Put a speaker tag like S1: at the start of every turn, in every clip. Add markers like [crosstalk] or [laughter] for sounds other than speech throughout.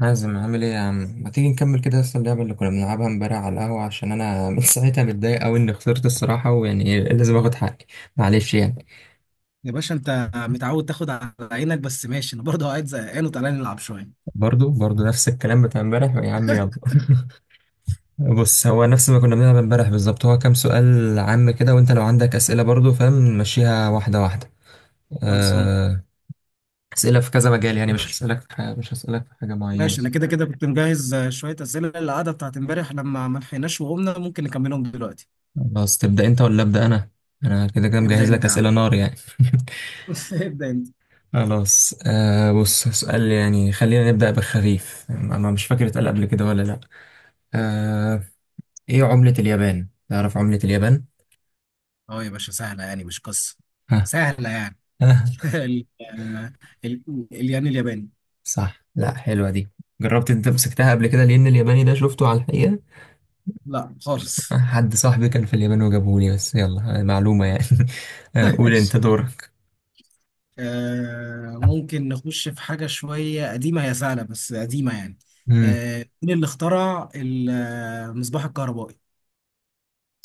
S1: حازم، عامل ايه يا عم؟ ما تيجي نكمل كده اصلا اللعبه اللي كنا بنلعبها امبارح على القهوه عشان انا [laughs] من ساعتها متضايق قوي اني خسرت الصراحه، ويعني إيه، لازم اخد حقي. معلش يعني.
S2: يا باشا، انت متعود تاخد على عينك. بس ماشي، انا برضه قاعد زهقان وتعالى نلعب شويه.
S1: برضو نفس الكلام بتاع امبارح يا عم، يلا [laughs] بص، هو نفس ما كنا بنلعب امبارح بالظبط، هو كام سؤال عام كده، وانت لو عندك اسئله برضو، فاهم؟ نمشيها واحده واحده.
S2: خلصان.
S1: آه، اسئله في كذا مجال يعني، مش هسالك في حاجه، مش هسالك في حاجه معينه.
S2: ماشي، انا كده كده كنت مجهز شويه اسئله للقعده بتاعت امبارح لما ما لحقناش وقمنا ممكن نكملهم دلوقتي.
S1: خلاص، تبدا انت ولا ابدا انا؟ انا كده كده
S2: ابدا
S1: مجهز لك
S2: انت يا
S1: اسئله
S2: عم.
S1: نار يعني [laughs]
S2: [laughs] ابدا انت.
S1: خلاص. آه، بص، سؤال يعني خلينا نبدأ بالخفيف. أنا مش فاكر اتقال قبل كده ولا لأ. آه. إيه عملة اليابان؟ تعرف عملة اليابان؟
S2: اه يا باشا، سهله يعني مش قصه.
S1: ها؟
S2: سهله يعني.
S1: ها؟
S2: [laughs] ال... آه، ال... الين الياباني.
S1: صح. لأ حلوة دي. جربت أنت مسكتها قبل كده؟ لأن الياباني ده شفته على الحقيقة.
S2: لا خالص.
S1: حد صاحبي كان في اليابان وجابهولي، بس يلا، معلومة يعني [laughs] آه،
S2: [laughs]
S1: قول أنت
S2: ماشي.
S1: دورك.
S2: ممكن نخش في حاجة شوية قديمة، هي سهلة بس قديمة يعني.
S1: مم.
S2: مين اللي اخترع المصباح الكهربائي؟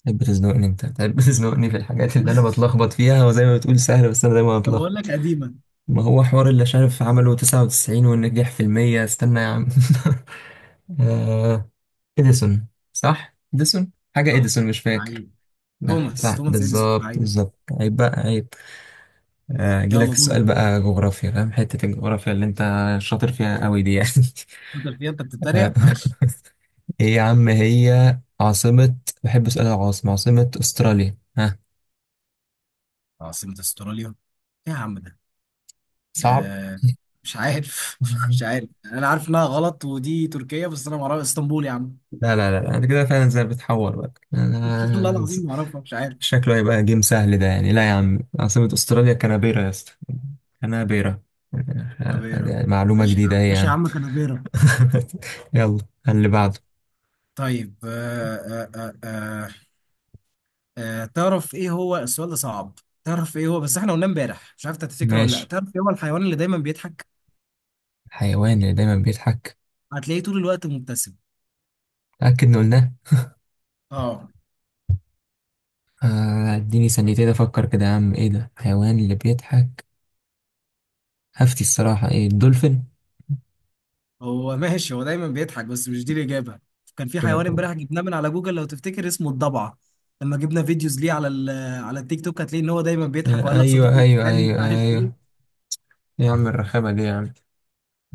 S1: تحب تزنقني أنت؟ تحب تزنقني في الحاجات اللي أنا
S2: [laughs]
S1: بتلخبط فيها، وزي ما بتقول سهلة بس أنا دايما
S2: طب اقول
S1: بتلخبط.
S2: لك قديمه.
S1: ما هو حوار، اللي شايف عمله 99 والنجاح في المية، استنى يا عم [laughs] آه، إديسون. صح؟ إديسون؟ حاجة إديسون، مش فاكر.
S2: عيب.
S1: لا
S2: توماس
S1: صح،
S2: توماس اديسون.
S1: بالظبط
S2: عيب.
S1: بالظبط، عيب بقى، عيب. أجيلك
S2: يلا دورك.
S1: السؤال بقى جغرافيا، فاهم حتة الجغرافيا اللي أنت شاطر فيها قوي دي يعني
S2: شاطر فيها انت،
S1: [laughs] آه،
S2: بتتريق، ماشي.
S1: إيه يا عم، هي عاصمة. بحب أسأل العاصمة، عاصمة أستراليا، ها؟
S2: عاصمه استراليا. ايه يا عم ده؟
S1: صعب؟
S2: آه مش عارف. [laughs] مش
S1: [laughs]
S2: عارف. انا عارف انها غلط ودي تركيا، بس انا ما اعرف اسطنبول يا عم.
S1: لا لا لا، أنت كده فعلا زي بتحور بقى
S2: [laughs] والله
S1: أنا.
S2: العظيم ما اعرفها. مش عارف.
S1: شكله هيبقى جيم سهل ده يعني. لا يا عم، عاصمة استراليا كانبيرا يا اسطى. كانبيرا.
S2: كانبيرا.
S1: يعني معلومة
S2: ماشي يا
S1: جديدة
S2: عم،
S1: هي يا
S2: ماشي يا
S1: عم
S2: عم. كانبيرا.
S1: [laughs] يلا، اللي بعده.
S2: طيب. تعرف ايه هو. السؤال ده صعب. تعرف ايه هو، بس احنا قلنا امبارح، مش عارف انت تفتكره ولا لا.
S1: ماشي.
S2: تعرف ايه هو الحيوان اللي دايما بيضحك؟
S1: الحيوان اللي دايما بيضحك.
S2: هتلاقيه طول الوقت مبتسم.
S1: أكد إن قلناه.
S2: اه.
S1: اديني ثانيتين افكر كده يا عم، ايه ده الحيوان اللي بيضحك؟ هفتي الصراحة، ايه، الدولفين؟
S2: هو ماشي، هو دايما بيضحك بس مش دي الإجابة. كان في حيوان
S1: آه،
S2: امبارح جبناه من على جوجل لو تفتكر، اسمه الضبعة. لما جبنا فيديوز ليه على على التيك توك هتلاقي ان هو دايما بيضحك وقال لك
S1: ايوه
S2: صديقي
S1: ايوه
S2: الانسان مش
S1: ايوه
S2: عارف
S1: ايوه.
S2: ايه.
S1: يا عم الرخامة دي يا عم.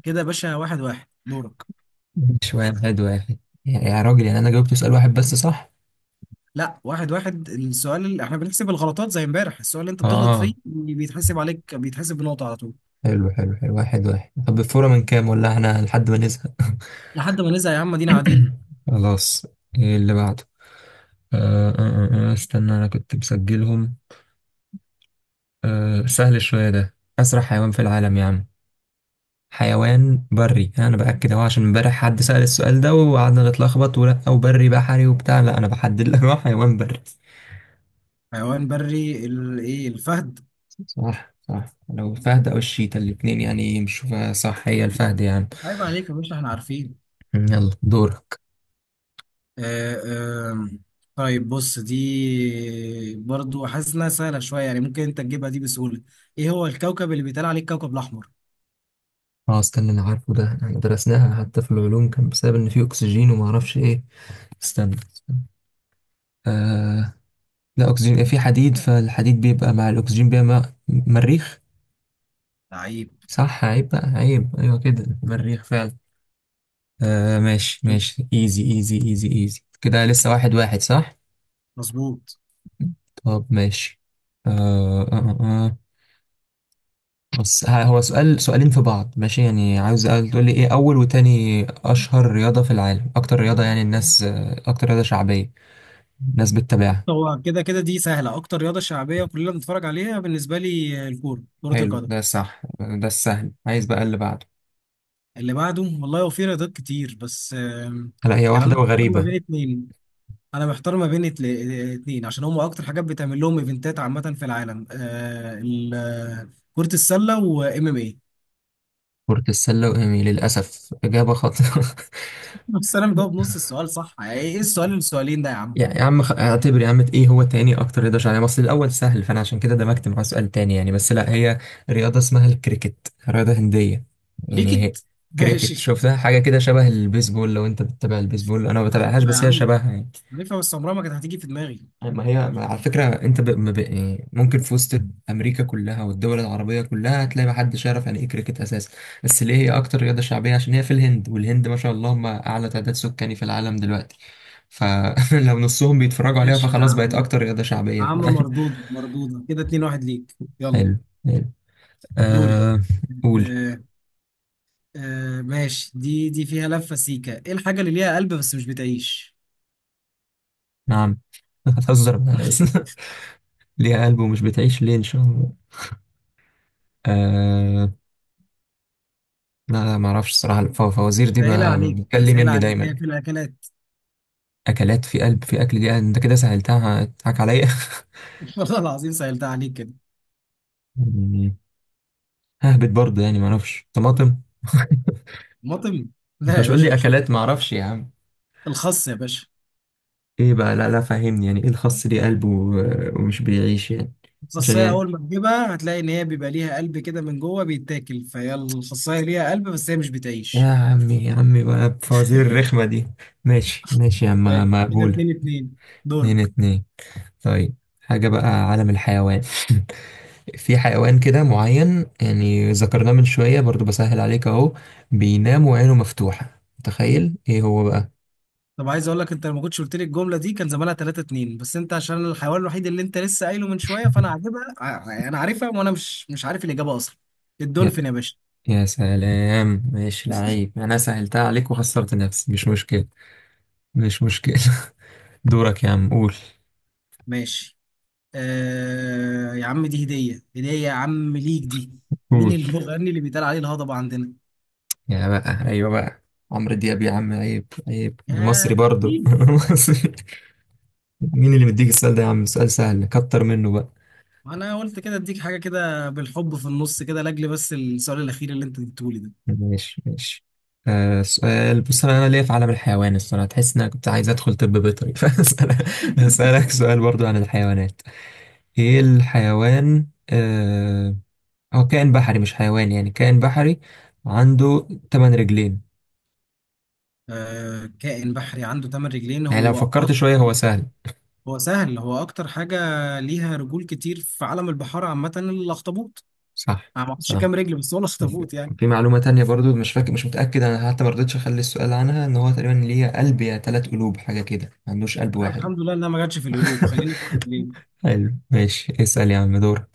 S2: كده يا باشا. 1-1. دورك.
S1: شوية واحد واحد. يا راجل يعني، انا جاوبت سؤال واحد بس صح.
S2: لا، 1-1. السؤال اللي احنا بنحسب الغلطات زي امبارح، السؤال اللي انت بتغلط فيه
S1: اه.
S2: بيتحسب عليك، بيتحسب بنقطة على طول.
S1: حلو حلو حلو. واحد واحد. طب الفورة من كام، ولا احنا لحد ما نزهق؟
S2: لحد ما نزهق يا عم،
S1: [coughs]
S2: ادينا قاعدين.
S1: [clears throat] خلاص، ايه اللي بعده؟ آه آه استنى انا كنت مسجلهم. آه سهل شوية ده. اسرع حيوان في العالم يا عم. حيوان بري، انا باكد اهو، عشان امبارح حد سأل السؤال ده وقعدنا نتلخبط، ولا او بري بحري وبتاع، لا انا بحدد لك، هو حيوان بري.
S2: حيوان بري. ايه، الفهد.
S1: صح صح، لو الفهد او الشيتا الاتنين يعني مش. صح، هي الفهد يعني.
S2: عيب عليك يا باشا، احنا عارفين.
S1: يلا دور.
S2: آه، آه، طيب بص، دي برضو حاسس انها سهله شويه، يعني ممكن انت تجيبها دي بسهوله. ايه هو الكوكب اللي بيتقال عليه الكوكب الاحمر؟
S1: اه استنى، انا عارفه ده، احنا درسناها حتى في العلوم، كان بسبب ان في اكسجين وما اعرفش ايه. استنى. آه. لا اكسجين، في حديد، فالحديد بيبقى مع الاكسجين بيبقى مع مريخ.
S2: لعيب.
S1: صح، عيب بقى عيب، ايوه كده، مريخ فعلا. آه ماشي ماشي، ايزي ايزي ايزي ايزي كده، لسه واحد واحد صح؟
S2: مظبوط.
S1: طب ماشي. آه آه آه. بس هو سؤال سؤالين في بعض، ماشي يعني؟ عاوز تقول لي ايه اول وتاني اشهر رياضة في العالم، اكتر رياضة يعني الناس، اكتر رياضة شعبية ناس بتتابعها.
S2: هو كده كده دي سهله. اكتر رياضه شعبيه كلنا بنتفرج عليها بالنسبه لي، الكوره، كره
S1: حلو،
S2: القدم.
S1: ده صح، ده السهل، عايز بقى اللي بعده.
S2: اللي بعده، والله هو في رياضات كتير بس
S1: هلا، هي
S2: يعني انا
S1: واحدة
S2: محتار ما
S1: وغريبة.
S2: بين اتنين. انا محتار ما بين اتنين عشان هم اكتر حاجات بتعمل لهم ايفنتات عامه في العالم، كره السله وام ام.
S1: كرة السلة وإيمي، للأسف إجابة خاطئة [laughs]
S2: بس انا مجاوب نص السؤال صح، يعني ايه السؤالين ده يا عم؟
S1: يعني يا عم اعتبر يا عم إيه هو تاني أكتر رياضة شعبية، مصر الأول سهل، فأنا عشان كده دمجت معاه سؤال تاني يعني. بس لا، هي رياضة اسمها الكريكت، رياضة هندية يعني هي.
S2: ليكت،
S1: كريكت
S2: ماشي.
S1: شفتها حاجة كده شبه البيسبول، لو أنت بتتابع البيسبول، أنا ما
S2: [laughs] عارفها
S1: بتابعهاش
S2: يا
S1: بس هي
S2: عم،
S1: شبهها يعني.
S2: عارفها بس عمرها ما كانت هتيجي في دماغي.
S1: ما هي، ما على فكرة انت ما ب... يعني ممكن في وسط امريكا كلها والدول العربية كلها هتلاقي ما حدش يعرف يعني ايه كريكت اساسا. بس ليه هي اكتر رياضة شعبية؟ عشان هي في الهند، والهند ما شاء الله هم اعلى تعداد سكاني في العالم دلوقتي، فلو [laughs] نصهم بيتفرجوا عليها
S2: ماشي يا
S1: فخلاص بقت
S2: عم
S1: اكتر رياضة شعبية في
S2: عم
S1: العالم
S2: مردودة كده. 2-1 ليك.
S1: [laughs]
S2: يلا.
S1: حلو حلو.
S2: دوري.
S1: آه... قول.
S2: آه ماشي. دي فيها لفة سيكة. ايه الحاجة اللي ليها قلب بس مش بتعيش؟
S1: نعم [laughs] هتهزر معايا بس. [laughs]
S2: [laughs]
S1: ليها قلب ومش بتعيش، ليه، ان شاء الله؟ آه... لا لا ما اعرفش الصراحة. الفوازير دي
S2: سهلة عليك، سهلة
S1: بتكلمني
S2: عليك، هي
S1: دايما.
S2: في الأكلات.
S1: اكلات، في قلب في اكل؟ دي انت كده سهلتها، هتضحك عليا
S2: [laughs] والله العظيم سهلتها عليك كده.
S1: [laughs] يعني. ههبط برضه يعني، ما اعرفش، طماطم؟ [laughs]
S2: مطم.
S1: انت
S2: لا يا
S1: مش قول
S2: باشا،
S1: لي
S2: مش.
S1: اكلات ما اعرفش يا عم.
S2: الخس يا باشا.
S1: ايه بقى لا لا، فهمني، يعني ايه الخس ليه قلب ومش بيعيش يعني؟ عشان
S2: الخصاية
S1: يعني.
S2: أول ما تجيبها هتلاقي إن هي بيبقى ليها قلب كده من جوه بيتاكل، فهي الخصاية ليها قلب بس هي مش بتعيش.
S1: يا عمي يا عمي بقى بفوازير الرخمة دي. ماشي ماشي يا
S2: حلو.
S1: عم،
S2: كده
S1: مقبولة.
S2: 2-2.
S1: اتنين
S2: دورك.
S1: اتنين. طيب حاجة بقى، عالم الحيوان [laughs] في حيوان كده معين يعني ذكرناه من شوية برضو، بسهل عليك اهو، بينام وعينه مفتوحة، تخيل ايه هو بقى؟
S2: طب عايز أقول لك، أنت لما كنتش قلت لي الجملة دي كان زمانها 3-2، بس أنت عشان الحيوان الوحيد اللي أنت لسه قايله من شوية فأنا عاجبها. أنا عارفها وأنا مش عارف الإجابة أصلا.
S1: يا,
S2: الدولفين يا باشا.
S1: يا سلام. ماشي لعيب، انا سهلتها عليك وخسرت نفسي، مش مشكلة، مش مشكلة [laughs] دورك يا عم قول.
S2: ماشي. يا عم، دي هدية هدية يا عم ليك دي. مين
S1: قول.
S2: المغني اللي بيتقال عليه الهضبة عندنا؟
S1: يا بقى، ايوه بقى، عمرو دياب يا عم، عيب عيب، أنا مصري
S2: يا
S1: برضو [laughs]
S2: لعيب.
S1: أنا مصري. مين اللي مديك السؤال ده يا عم؟ سؤال سهل، كتر منه بقى.
S2: انا قلت كده اديك حاجه كده بالحب في النص كده، لاجل بس السؤال الاخير اللي انت اديتهولي ده.
S1: ماشي ماشي. آه سؤال، بص انا ليا في عالم الحيوان الصراحه، تحس ان انا كنت عايز ادخل طب بيطري [laughs] فاسالك، هسالك سؤال برضو عن الحيوانات. ايه الحيوان، آه، هو كائن بحري مش حيوان يعني، كائن بحري، عنده ثمان رجلين.
S2: كائن بحري عنده 8 رجلين.
S1: يعني لو
S2: هو
S1: فكرت شويه
S2: اكتر،
S1: هو سهل.
S2: هو سهل. هو اكتر حاجه ليها رجول كتير في عالم البحار عامه، الاخطبوط.
S1: صح
S2: انا ما اعرفش
S1: صح.
S2: كام رجل، بس هو الاخطبوط يعني.
S1: في معلومه تانية برضو، مش فاكر مش متاكد انا، حتى ما رضيتش اخلي السؤال عنها، ان هو تقريبا ليه قلب يا ثلاث قلوب حاجه كده، ما عندوش قلب
S2: لا
S1: واحد.
S2: الحمد لله انها ما جاتش في
S1: [laughs]
S2: القلوب، خليني في الرجلين.
S1: حلو ماشي، اسال يا عم، دور.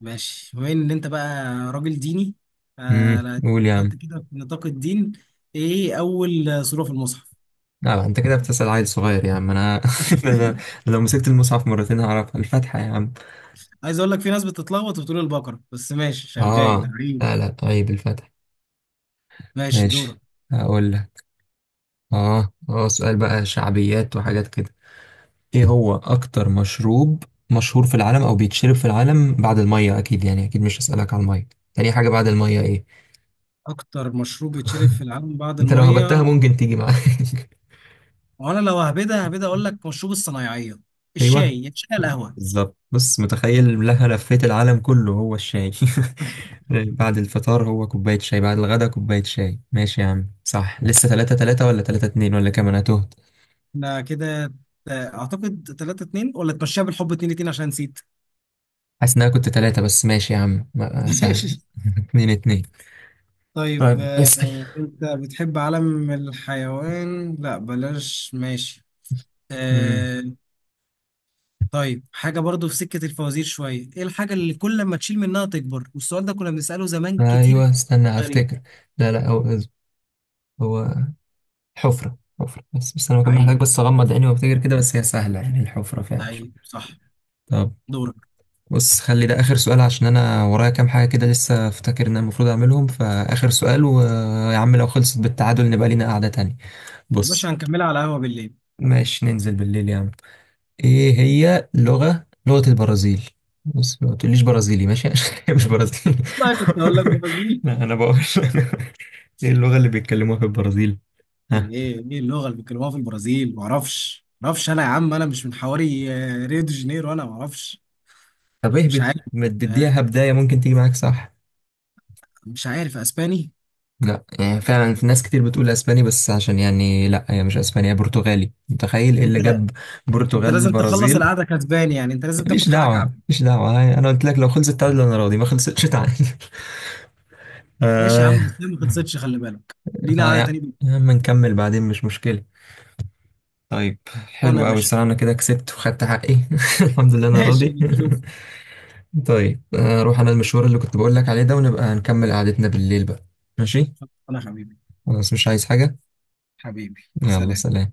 S2: ماشي، بما ان انت بقى راجل ديني. لا،
S1: قول يا عم.
S2: حته كده في نطاق الدين. ايه اول سوره في المصحف؟
S1: لا انت كده بتسأل عيل صغير يا عم، انا [laughs] انا
S2: [laughs]
S1: لو مسكت المصحف مرتين هعرفها. الفتحة يا عم.
S2: عايز اقول لك في ناس بتتلخبط وبتقول البقره، بس ماشي، شغال
S1: اه
S2: عيب.
S1: لا لا، طيب الفتحة.
S2: ماشي دورك.
S1: ماشي. هقول لك. اه اه، سؤال بقى شعبيات وحاجات كده. ايه هو اكتر مشروب مشهور في العالم، او بيتشرب في العالم بعد المية؟ اكيد يعني، اكيد مش هسألك على المية. تاني حاجة بعد المية ايه؟
S2: اكتر مشروب بيتشرب في العالم بعد
S1: انت لو هبتها
S2: الميه؟
S1: ممكن تيجي معاك [laughs]
S2: وانا لو هبدا اقول لك مشروب الصنايعيه،
S1: ايوه،
S2: الشاي. يا شاي القهوه.
S1: بالظبط، بص، متخيل لها لفيت العالم كله، هو الشاي [laughs] بعد الفطار هو كوباية شاي، بعد الغدا كوباية شاي. ماشي يا عم صح، لسه تلاتة تلاتة، ولا تلاتة اتنين، ولا كام، أنا تهت.
S2: احنا كده. اعتقد 3-2 ولا تمشيها بالحب 2-2 عشان نسيت.
S1: حاسس إن أنا كنت تلاتة، بس ماشي يا عم،
S2: [laughs]
S1: سهل
S2: ماشي.
S1: [laughs] اتنين اتنين.
S2: طيب
S1: طيب اسأل.
S2: انت بتحب عالم الحيوان؟ لا بلاش، ماشي.
S1: مم.
S2: آه، طيب حاجه برضو في سكه الفوازير شويه. ايه الحاجه اللي كل ما تشيل منها تكبر؟ والسؤال ده كنا بنساله زمان كتير.
S1: أيوه استنى
S2: غريب.
S1: أفتكر. لا لا، هو حفرة. حفرة بس، بس أنا بكون محتاج
S2: عيب.
S1: بس أغمض عيني وأفتكر كده، بس هي سهلة يعني، الحفرة فعلا.
S2: عيب صح.
S1: طب
S2: دورك.
S1: بص، خلي ده آخر سؤال، عشان أنا ورايا كام حاجة كده لسه، أفتكر إن أنا المفروض أعملهم، فآخر سؤال. ويا عم لو خلصت بالتعادل نبقى لينا قعدة تانية.
S2: مش
S1: بص،
S2: هنكملها على قهوه بالليل؟
S1: ماشي ننزل بالليل يا عم. إيه هي لغة البرازيل؟ بص ما تقوليش برازيلي ماشي [laughs] عشان هي مش
S2: [laughs]
S1: برازيلي.
S2: بقى كنت اقول لك
S1: [laughs]
S2: برازيل.
S1: لا أنا بقول [laughs] إيه اللغة اللي بيتكلموها في البرازيل؟
S2: ايه
S1: ها؟
S2: ايه ايه اللغه اللي بيتكلموها في البرازيل؟ ما اعرفش، ما اعرفش، انا يا عم انا مش من حواري ريو دي جانيرو. انا ما اعرفش.
S1: طب إيه
S2: مش عارف.
S1: ما
S2: آه،
S1: تديها بداية ممكن تيجي معاك صح.
S2: مش عارف. اسباني.
S1: لا يعني فعلا في ناس كتير بتقول اسباني، بس عشان يعني لا هي مش اسباني، هي برتغالي، متخيل ايه اللي
S2: انت
S1: جاب
S2: انت
S1: برتغال
S2: لازم تخلص
S1: البرازيل؟
S2: القعده كسباني يعني، انت لازم
S1: ماليش
S2: تاخد حقك،
S1: دعوه،
S2: عافيه.
S1: ماليش دعوه هاي، انا قلت لك لو خلصت تعادل انا راضي، ما خلصتش تعادل [laughs]
S2: ماشي يا
S1: آه
S2: عم، بس ما خلصتش خلي بالك. لينا
S1: آه
S2: قعده
S1: يا
S2: تانيه.
S1: يا عم نكمل بعدين، مش مشكله. طيب
S2: بالقطان
S1: حلو
S2: يا
S1: قوي
S2: باشا.
S1: الصراحه، انا كده كسبت وخدت حقي [laughs] الحمد لله
S2: [laughs]
S1: انا
S2: ماشي
S1: راضي [laughs]
S2: نشوف.
S1: طيب اروح انا المشوار اللي كنت بقول لك عليه ده، ونبقى نكمل قعدتنا بالليل بقى. ماشي.
S2: انا حبيبي.
S1: خلاص، مش عايز حاجه.
S2: حبيبي
S1: يلا
S2: سلام.
S1: سلام.